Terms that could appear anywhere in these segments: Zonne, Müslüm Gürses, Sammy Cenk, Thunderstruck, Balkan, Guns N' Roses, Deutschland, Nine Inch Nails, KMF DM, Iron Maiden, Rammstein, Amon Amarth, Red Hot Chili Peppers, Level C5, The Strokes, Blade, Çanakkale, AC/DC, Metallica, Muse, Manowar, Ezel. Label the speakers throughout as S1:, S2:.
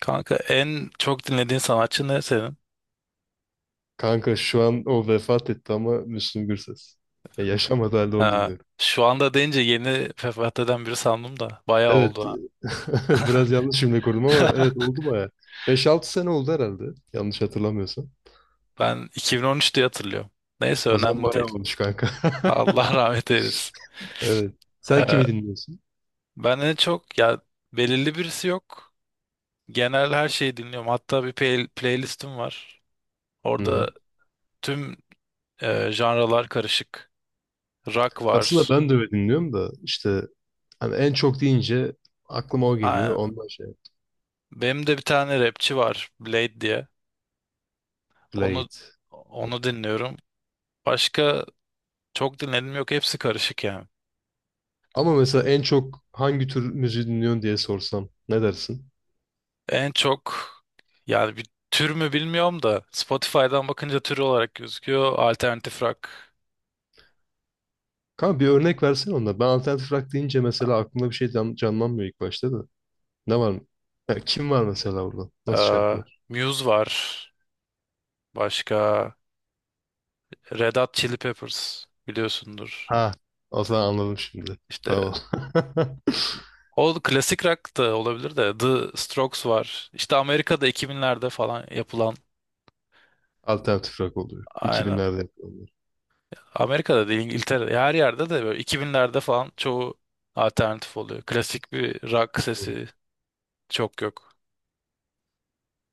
S1: Kanka en çok dinlediğin sanatçı ne senin?
S2: Kanka şu an o vefat etti ama Müslüm Gürses. Ya yaşamadı halde onu
S1: Ha,
S2: dinliyorum.
S1: şu anda deyince yeni vefat eden biri sandım da bayağı
S2: Evet.
S1: oldu
S2: Biraz yanlış cümle kurdum ama
S1: ha.
S2: evet oldu baya. Beş altı sene oldu herhalde. Yanlış hatırlamıyorsam.
S1: Ben 2013 diye hatırlıyorum. Neyse
S2: O zaman
S1: önemli
S2: bayağı
S1: değil.
S2: olmuş kanka.
S1: Allah rahmet eylesin.
S2: Evet. Sen kimi
S1: Ee,
S2: dinliyorsun?
S1: ben en çok ya belirli birisi yok. Genel her şeyi dinliyorum. Hatta bir playlistim var.
S2: Hı hı.
S1: Orada tüm janralar karışık. Rock
S2: Aslında
S1: var.
S2: ben de öyle dinliyorum da işte hani en çok deyince aklıma o geliyor.
S1: Aynen.
S2: Ondan şey.
S1: Benim de bir tane rapçi var, Blade diye. Onu
S2: Blade.
S1: onu dinliyorum. Başka çok dinledim yok, hepsi karışık yani.
S2: Ama mesela en çok hangi tür müziği dinliyorsun diye sorsam ne dersin?
S1: En çok, yani bir tür mü bilmiyorum da Spotify'dan bakınca tür olarak gözüküyor. Alternatif rock,
S2: Kanka bir örnek versene onda. Ben alternatif rock deyince mesela aklımda bir şey canlanmıyor ilk başta da. Ne var mı? Ya kim var mesela burada? Nasıl
S1: eee,
S2: şarkılar?
S1: Muse var. Başka Red Hot Chili Peppers biliyorsundur.
S2: Ha, o zaman anladım şimdi.
S1: İşte
S2: Tamam.
S1: o klasik rock da olabilir de The Strokes var. İşte Amerika'da 2000'lerde falan yapılan,
S2: Alternatif rock oluyor.
S1: aynen.
S2: 2000'lerde yapıyorlar.
S1: Amerika'da değil, İngiltere'de, her yerde de böyle 2000'lerde falan çoğu alternatif oluyor. Klasik bir rock
S2: Hı hı.
S1: sesi çok yok.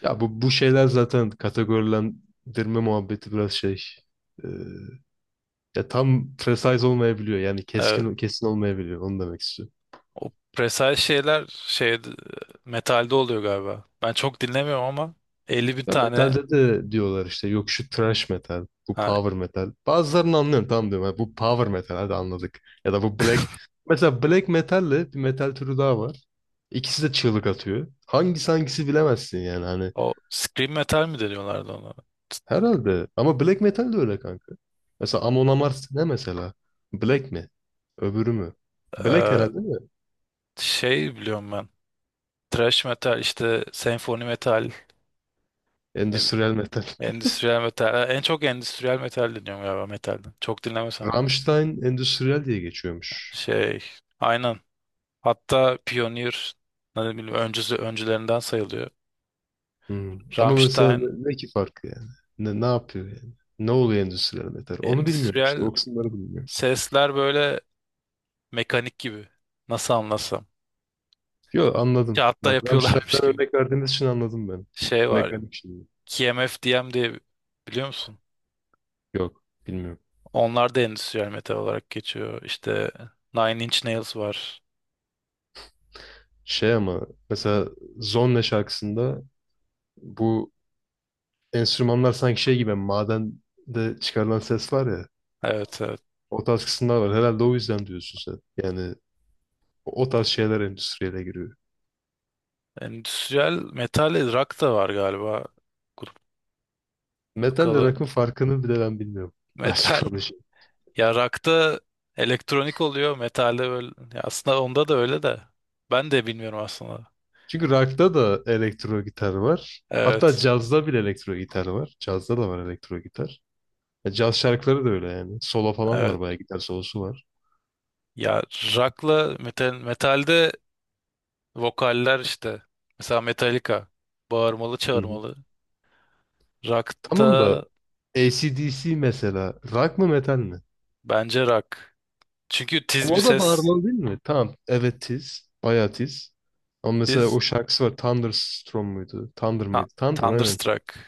S2: Ya bu şeyler zaten kategorilendirme muhabbeti biraz şey. e, Ya tam precise olmayabiliyor. Yani
S1: Evet,
S2: keskin kesin olmayabiliyor. Onu demek istiyorum.
S1: o presel şeyler şey metalde oluyor galiba. Ben çok dinlemiyorum ama 50 bin
S2: Ya
S1: tane,
S2: metalde de diyorlar işte, yok şu thrash metal, bu
S1: ha,
S2: power metal. Bazılarını anlıyorum, tamam diyorum. "Ha, bu power metal, hadi anladık. Ya da bu black." Mesela black metalle bir metal türü daha var. İkisi de çığlık atıyor. Hangisi hangisi bilemezsin yani hani.
S1: o scream metal mi deniyorlardı ona?
S2: Herhalde. Ama black metal de öyle kanka. Mesela Amon Amarth ne mesela? Black mi? Öbürü mü? Black
S1: Ee,
S2: herhalde değil mi?
S1: şey biliyorum ben. Thrash metal işte, senfoni metal, ne bileyim,
S2: Endüstriyel metal.
S1: endüstriyel metal. Ha, en çok endüstriyel metal dinliyorum galiba metalden. Çok dinlemesem de.
S2: Rammstein endüstriyel diye geçiyormuş.
S1: Şey, aynen. Hatta Pioneer, ne bileyim, öncüsü öncülerinden sayılıyor.
S2: Hmm. Ama mesela
S1: Rammstein
S2: ne ki farkı yani? Ne yapıyor yani? Ne oluyor endüstriyel metal? Onu bilmiyorum işte.
S1: endüstriyel
S2: O kısımları bilmiyorum.
S1: sesler böyle, mekanik gibi. Nasıl anlasam?
S2: Yok anladım.
S1: Kağıtta
S2: Bak
S1: yapıyorlarmış
S2: Rammstein'den
S1: gibi.
S2: örnek verdiğiniz için anladım ben.
S1: Şey var,
S2: Mekanik şimdi.
S1: KMF DM diye, biliyor musun?
S2: Yok bilmiyorum.
S1: Onlar da endüstriyel metal olarak geçiyor. İşte Nine Inch Nails var.
S2: Şey ama mesela Zonne şarkısında bu enstrümanlar sanki şey gibi, hani madende çıkarılan ses var ya.
S1: Evet, evet.
S2: O tarz kısımlar var. Herhalde o yüzden diyorsun sen. Yani o tarz şeyler endüstriyele giriyor.
S1: Endüstriyel metal rock da var galiba. Grup
S2: Metalle
S1: bakalım.
S2: rock'ın farkını bile ben bilmiyorum. Açık
S1: Metal.
S2: konuşayım.
S1: Ya rock'ta elektronik oluyor. Metalde böyle. Ya aslında onda da öyle de. Ben de bilmiyorum aslında.
S2: Çünkü rock'ta da elektro gitar var. Hatta
S1: Evet.
S2: cazda bile elektro gitar var. Cazda da var elektro gitar. Ya caz şarkıları da öyle yani. Solo falan var,
S1: Evet.
S2: bayağı gitar solosu var.
S1: Ya rock'la metal, metalde vokaller işte. Mesela Metallica. Bağırmalı
S2: Hı hı.
S1: çağırmalı. Rock'ta
S2: Tamam da AC/DC mesela rock mı metal mi?
S1: bence rock, çünkü tiz
S2: Ama
S1: bir
S2: o da
S1: ses.
S2: bağırmalı değil mi? Tamam. Evet tiz. Bayağı tiz. Ama mesela
S1: Tiz.
S2: o şarkısı var. Thunderstorm muydu? Thunder
S1: Ha,
S2: mıydı? Thunder aynen.
S1: Thunderstruck.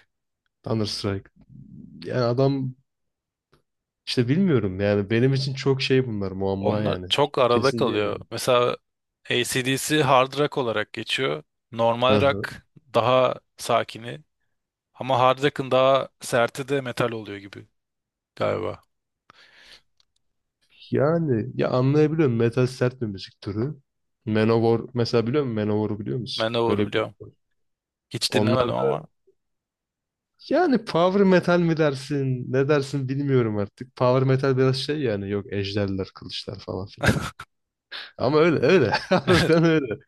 S2: Thunderstrike. Yani adam işte bilmiyorum yani, benim için çok şey bunlar, muamma
S1: Onlar
S2: yani.
S1: çok arada
S2: Kesin
S1: kalıyor.
S2: diyemiyorum.
S1: Mesela AC/DC hard rock olarak geçiyor. Normal rock daha sakini. Ama hard rock'ın daha serti de metal oluyor gibi galiba.
S2: Yani ya anlayabiliyorum, metal sert bir müzik türü. Manowar mesela biliyor musun? Manowar'u biliyor musun?
S1: Manowar
S2: Öyle bir grup
S1: biliyorum.
S2: var.
S1: Hiç
S2: Onlar
S1: dinlemedim
S2: da-
S1: ama.
S2: Yani power metal mi dersin? Ne dersin bilmiyorum artık. Power metal biraz şey yani, yok ejderler, kılıçlar falan filan. Ama öyle öyle. Harbiden öyle.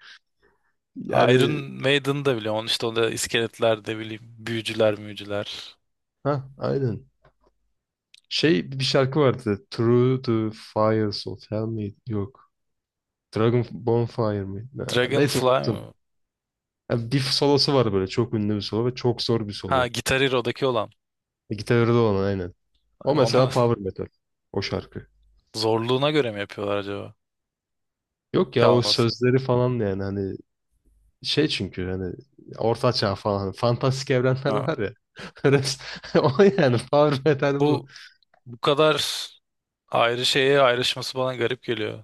S1: Iron
S2: Yani
S1: Maiden'ı da biliyorum. Onun işte, onda iskeletler de bileyim, büyücüler müyücüler.
S2: ha aynen. Şey bir şarkı vardı. Through the Fires of Hell miydi? Yok. Dragon Bonfire mi? Neyse
S1: Dragonfly
S2: unuttum.
S1: mı?
S2: Ya bir solosu var böyle, çok ünlü bir solo ve çok zor bir
S1: Ha,
S2: solo.
S1: Guitar Hero'daki olan.
S2: E, gitarı da olan aynen. O mesela
S1: Onu
S2: power metal. O şarkı.
S1: zorluğuna göre mi yapıyorlar acaba?
S2: Yok ya, o
S1: Çalması.
S2: sözleri falan da yani hani şey, çünkü hani orta çağ falan, hani fantastik evrenler
S1: Ha.
S2: var ya. O yani power metal bu.
S1: Bu bu kadar ayrı şeye ayrışması bana garip geliyor.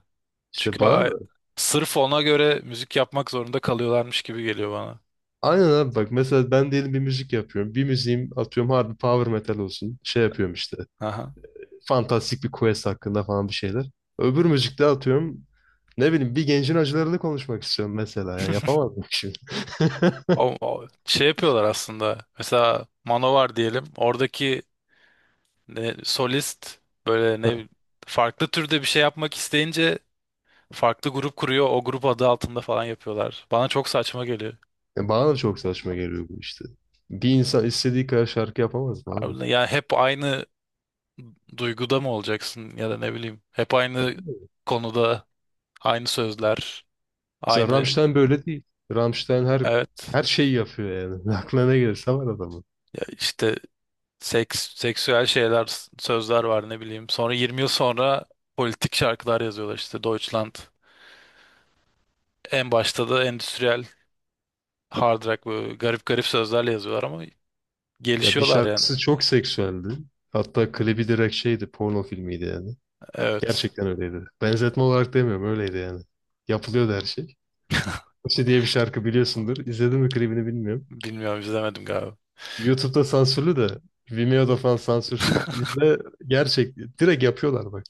S2: İşte
S1: Çünkü
S2: bana da
S1: sırf ona göre müzik yapmak zorunda kalıyorlarmış gibi geliyor bana.
S2: aynen abi, bak mesela ben diyelim bir müzik yapıyorum. Bir müziğim atıyorum harbi power metal olsun. Şey yapıyorum işte,
S1: Aha.
S2: fantastik bir quest hakkında falan bir şeyler. Öbür müzikte atıyorum ne bileyim, bir gencin acılarını konuşmak istiyorum mesela. Yani yapamadım şimdi.
S1: Şey yapıyorlar aslında. Mesela Manowar diyelim. Oradaki, ne, solist böyle, ne, farklı türde bir şey yapmak isteyince farklı grup kuruyor. O grup adı altında falan yapıyorlar. Bana çok saçma geliyor.
S2: Ya bana da çok saçma geliyor bu işte. Bir insan istediği kadar şarkı yapamaz mı abi?
S1: Abi, ya hep aynı duyguda mı olacaksın ya da ne bileyim, hep aynı konuda, aynı sözler,
S2: Mesela
S1: aynı,
S2: Rammstein böyle değil. Rammstein her
S1: evet.
S2: her şeyi yapıyor yani. Aklına ne gelirse var adamın.
S1: Ya işte seksüel şeyler, sözler var, ne bileyim, sonra 20 yıl sonra politik şarkılar yazıyorlar, işte Deutschland, en başta da endüstriyel hard rock böyle garip garip sözlerle yazıyorlar ama
S2: Ya bir
S1: gelişiyorlar yani.
S2: şarkısı çok seksüeldi. Hatta klibi direkt şeydi, porno filmiydi yani.
S1: Evet,
S2: Gerçekten öyleydi. Benzetme olarak demiyorum, öyleydi yani. Yapılıyordu her şey. İşte diye bir şarkı biliyorsundur. İzledin mi klibini bilmiyorum.
S1: bilmiyorum, izlemedim galiba.
S2: YouTube'da sansürlü de Vimeo'da falan sansürsüz. İzle, gerçek direkt yapıyorlar bak.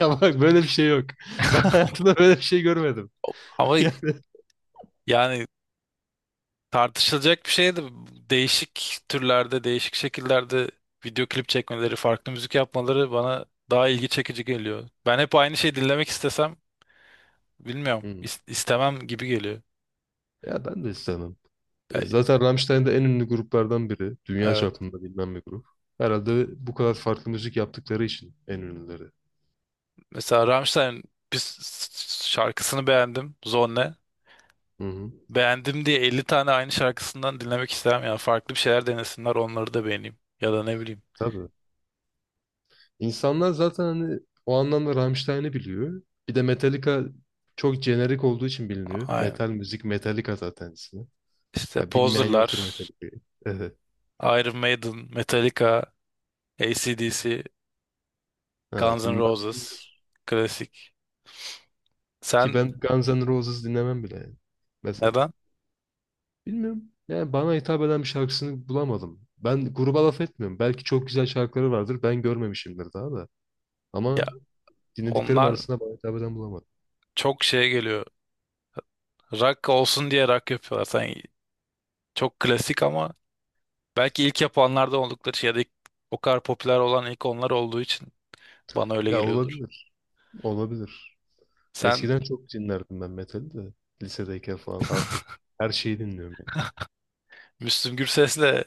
S2: Ya bak böyle bir şey yok. Ben hayatımda böyle bir şey görmedim.
S1: Ama
S2: Yani,
S1: yani, tartışılacak bir şey de, değişik türlerde, değişik şekillerde video klip çekmeleri, farklı müzik yapmaları bana daha ilgi çekici geliyor. Ben hep aynı şeyi dinlemek istesem, bilmiyorum,
S2: hmm.
S1: istemem gibi geliyor.
S2: Ya ben de istemem. E,
S1: E,
S2: zaten Rammstein de en ünlü gruplardan biri. Dünya
S1: Evet.
S2: çapında bilinen bir grup. Herhalde bu kadar farklı müzik yaptıkları için en ünlüleri.
S1: Mesela Rammstein bir şarkısını beğendim, Zonne.
S2: Hı hı.
S1: Beğendim diye 50 tane aynı şarkısından dinlemek istemem. Yani farklı bir şeyler denesinler, onları da beğeneyim. Ya da ne bileyim.
S2: Tabii. İnsanlar zaten hani o anlamda Rammstein'i biliyor. Bir de Metallica çok jenerik olduğu için biliniyor.
S1: Aynen.
S2: Metal müzik Metallica zaten ismi.
S1: İşte
S2: Ha, bilmeyen yoktur
S1: Poser'lar,
S2: Metallica'yı. Evet.
S1: Iron Maiden, Metallica, AC/DC,
S2: Ha,
S1: Guns N'
S2: bunlar
S1: Roses. Klasik.
S2: ki
S1: Sen
S2: ben Guns N' Roses dinlemem bile yani. Mesela.
S1: neden?
S2: Bilmiyorum. Yani bana hitap eden bir şarkısını bulamadım. Ben gruba laf etmiyorum. Belki çok güzel şarkıları vardır. Ben görmemişimdir daha da.
S1: Ya
S2: Ama dinlediklerim
S1: onlar
S2: arasında bana hitap eden bulamadım.
S1: çok şeye geliyor. Rock olsun diye rock yapıyorlar. Sen çok klasik ama belki ilk yapanlardan oldukları şey, ya da o kadar popüler olan ilk onlar olduğu için bana öyle
S2: Ya
S1: geliyordur.
S2: olabilir. Olabilir.
S1: Sen
S2: Eskiden çok dinlerdim ben metali de. Lisedeyken falan. Artık her şeyi dinliyorum yani.
S1: Müslüm Gürses'le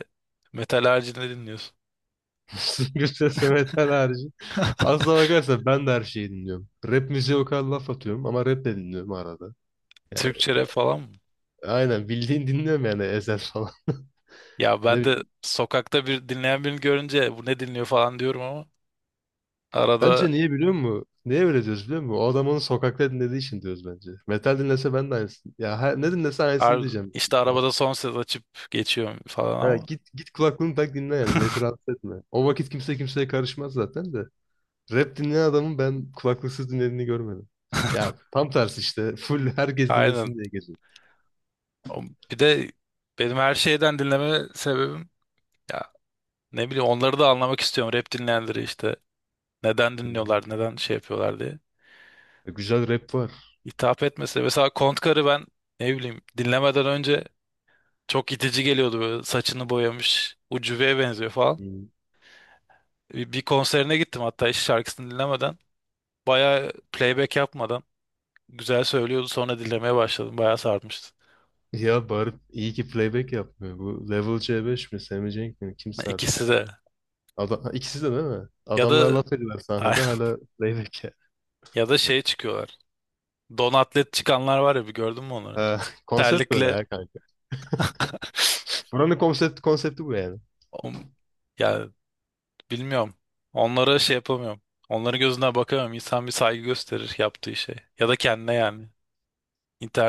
S1: metal haricinde dinliyorsun.
S2: Gürses ve metal harici. Aslına bakarsan ben de her şeyi dinliyorum. Rap müziğe o kadar laf atıyorum ama rap de dinliyorum arada. Yani
S1: Türkçe rap falan mı?
S2: aynen bildiğin dinliyorum yani Ezel falan.
S1: Ya
S2: Ne
S1: ben de
S2: bileyim.
S1: sokakta bir dinleyen birini görünce bu ne dinliyor falan diyorum ama, arada
S2: Bence niye biliyor musun? Niye öyle diyoruz biliyor musun? O adam onu sokakta dinlediği için diyoruz bence. Metal dinlese ben de aynısını. Ya her- ne dinlese aynısını
S1: ar-
S2: diyeceğim. Büyük
S1: işte
S2: ihtimal.
S1: arabada son ses açıp geçiyorum falan
S2: Ha,
S1: ama.
S2: git kulaklığını tak dinle yani. Milleti rahatsız etme. O vakit kimse kimseye karışmaz zaten de. Rap dinleyen adamın ben kulaklıksız dinlediğini görmedim. Ya tam tersi işte. Full herkes
S1: Aynen.
S2: dinlesin diye geziyor.
S1: O- Bir de benim her şeyden dinleme sebebim, ya, ne bileyim, onları da anlamak istiyorum, rap dinleyenleri işte. Neden
S2: Hı.
S1: dinliyorlar, neden şey yapıyorlar diye.
S2: Güzel rap var.
S1: Hitap etmesi. Mesela Kontkar'ı ben, ne bileyim, dinlemeden önce çok itici geliyordu, böyle saçını boyamış, ucubeye benziyor falan.
S2: Hı.
S1: Bir konserine gittim hatta, hiç şarkısını dinlemeden. Bayağı playback yapmadan güzel söylüyordu, sonra dinlemeye başladım. Bayağı sarmıştı.
S2: Ya bağırıp iyi ki playback yapmıyor. Bu Level C5 mi, Sammy Cenk mi? Kimse artık.
S1: İkisi de.
S2: Adam, ikisi de değil mi?
S1: Ya
S2: Adamlar
S1: da
S2: laf ediyorlar sahnede hala playback.
S1: ya da şey çıkıyorlar. Don atlet çıkanlar var ya, bir gördün mü onları?
S2: Ha, konsept böyle
S1: Terlikle
S2: ya kanka. Buranın konsepti bu yani.
S1: o- ya, bilmiyorum. Onlara şey yapamıyorum. Onların gözüne bakamıyorum. İnsan bir saygı gösterir yaptığı şey. Ya da kendine, yani.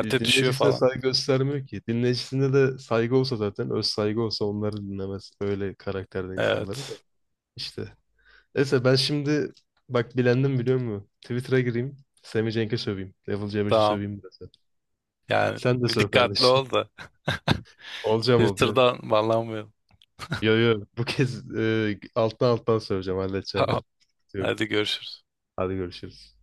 S2: E,
S1: düşüyor
S2: dinleyicisine
S1: falan.
S2: saygı göstermiyor ki. Dinleyicisine de saygı olsa, zaten öz saygı olsa onları dinlemez. Öyle karakterde insanları da.
S1: Evet.
S2: İşte. Neyse ben şimdi bak bilendim biliyor musun? Twitter'a gireyim. Sami Cenk'e söveyim. Level C5'e
S1: Tamam.
S2: söveyim biraz da.
S1: Yani
S2: Sen de
S1: bir
S2: söv
S1: dikkatli
S2: kardeşim.
S1: ol da.
S2: Olacağım olacağım.
S1: Twitter'dan bağlanmayalım.
S2: Yo yo bu kez alttan alttan söveceğim halledeceğim ben.
S1: Tamam.
S2: Yok.
S1: Hadi görüşürüz.
S2: Hadi görüşürüz.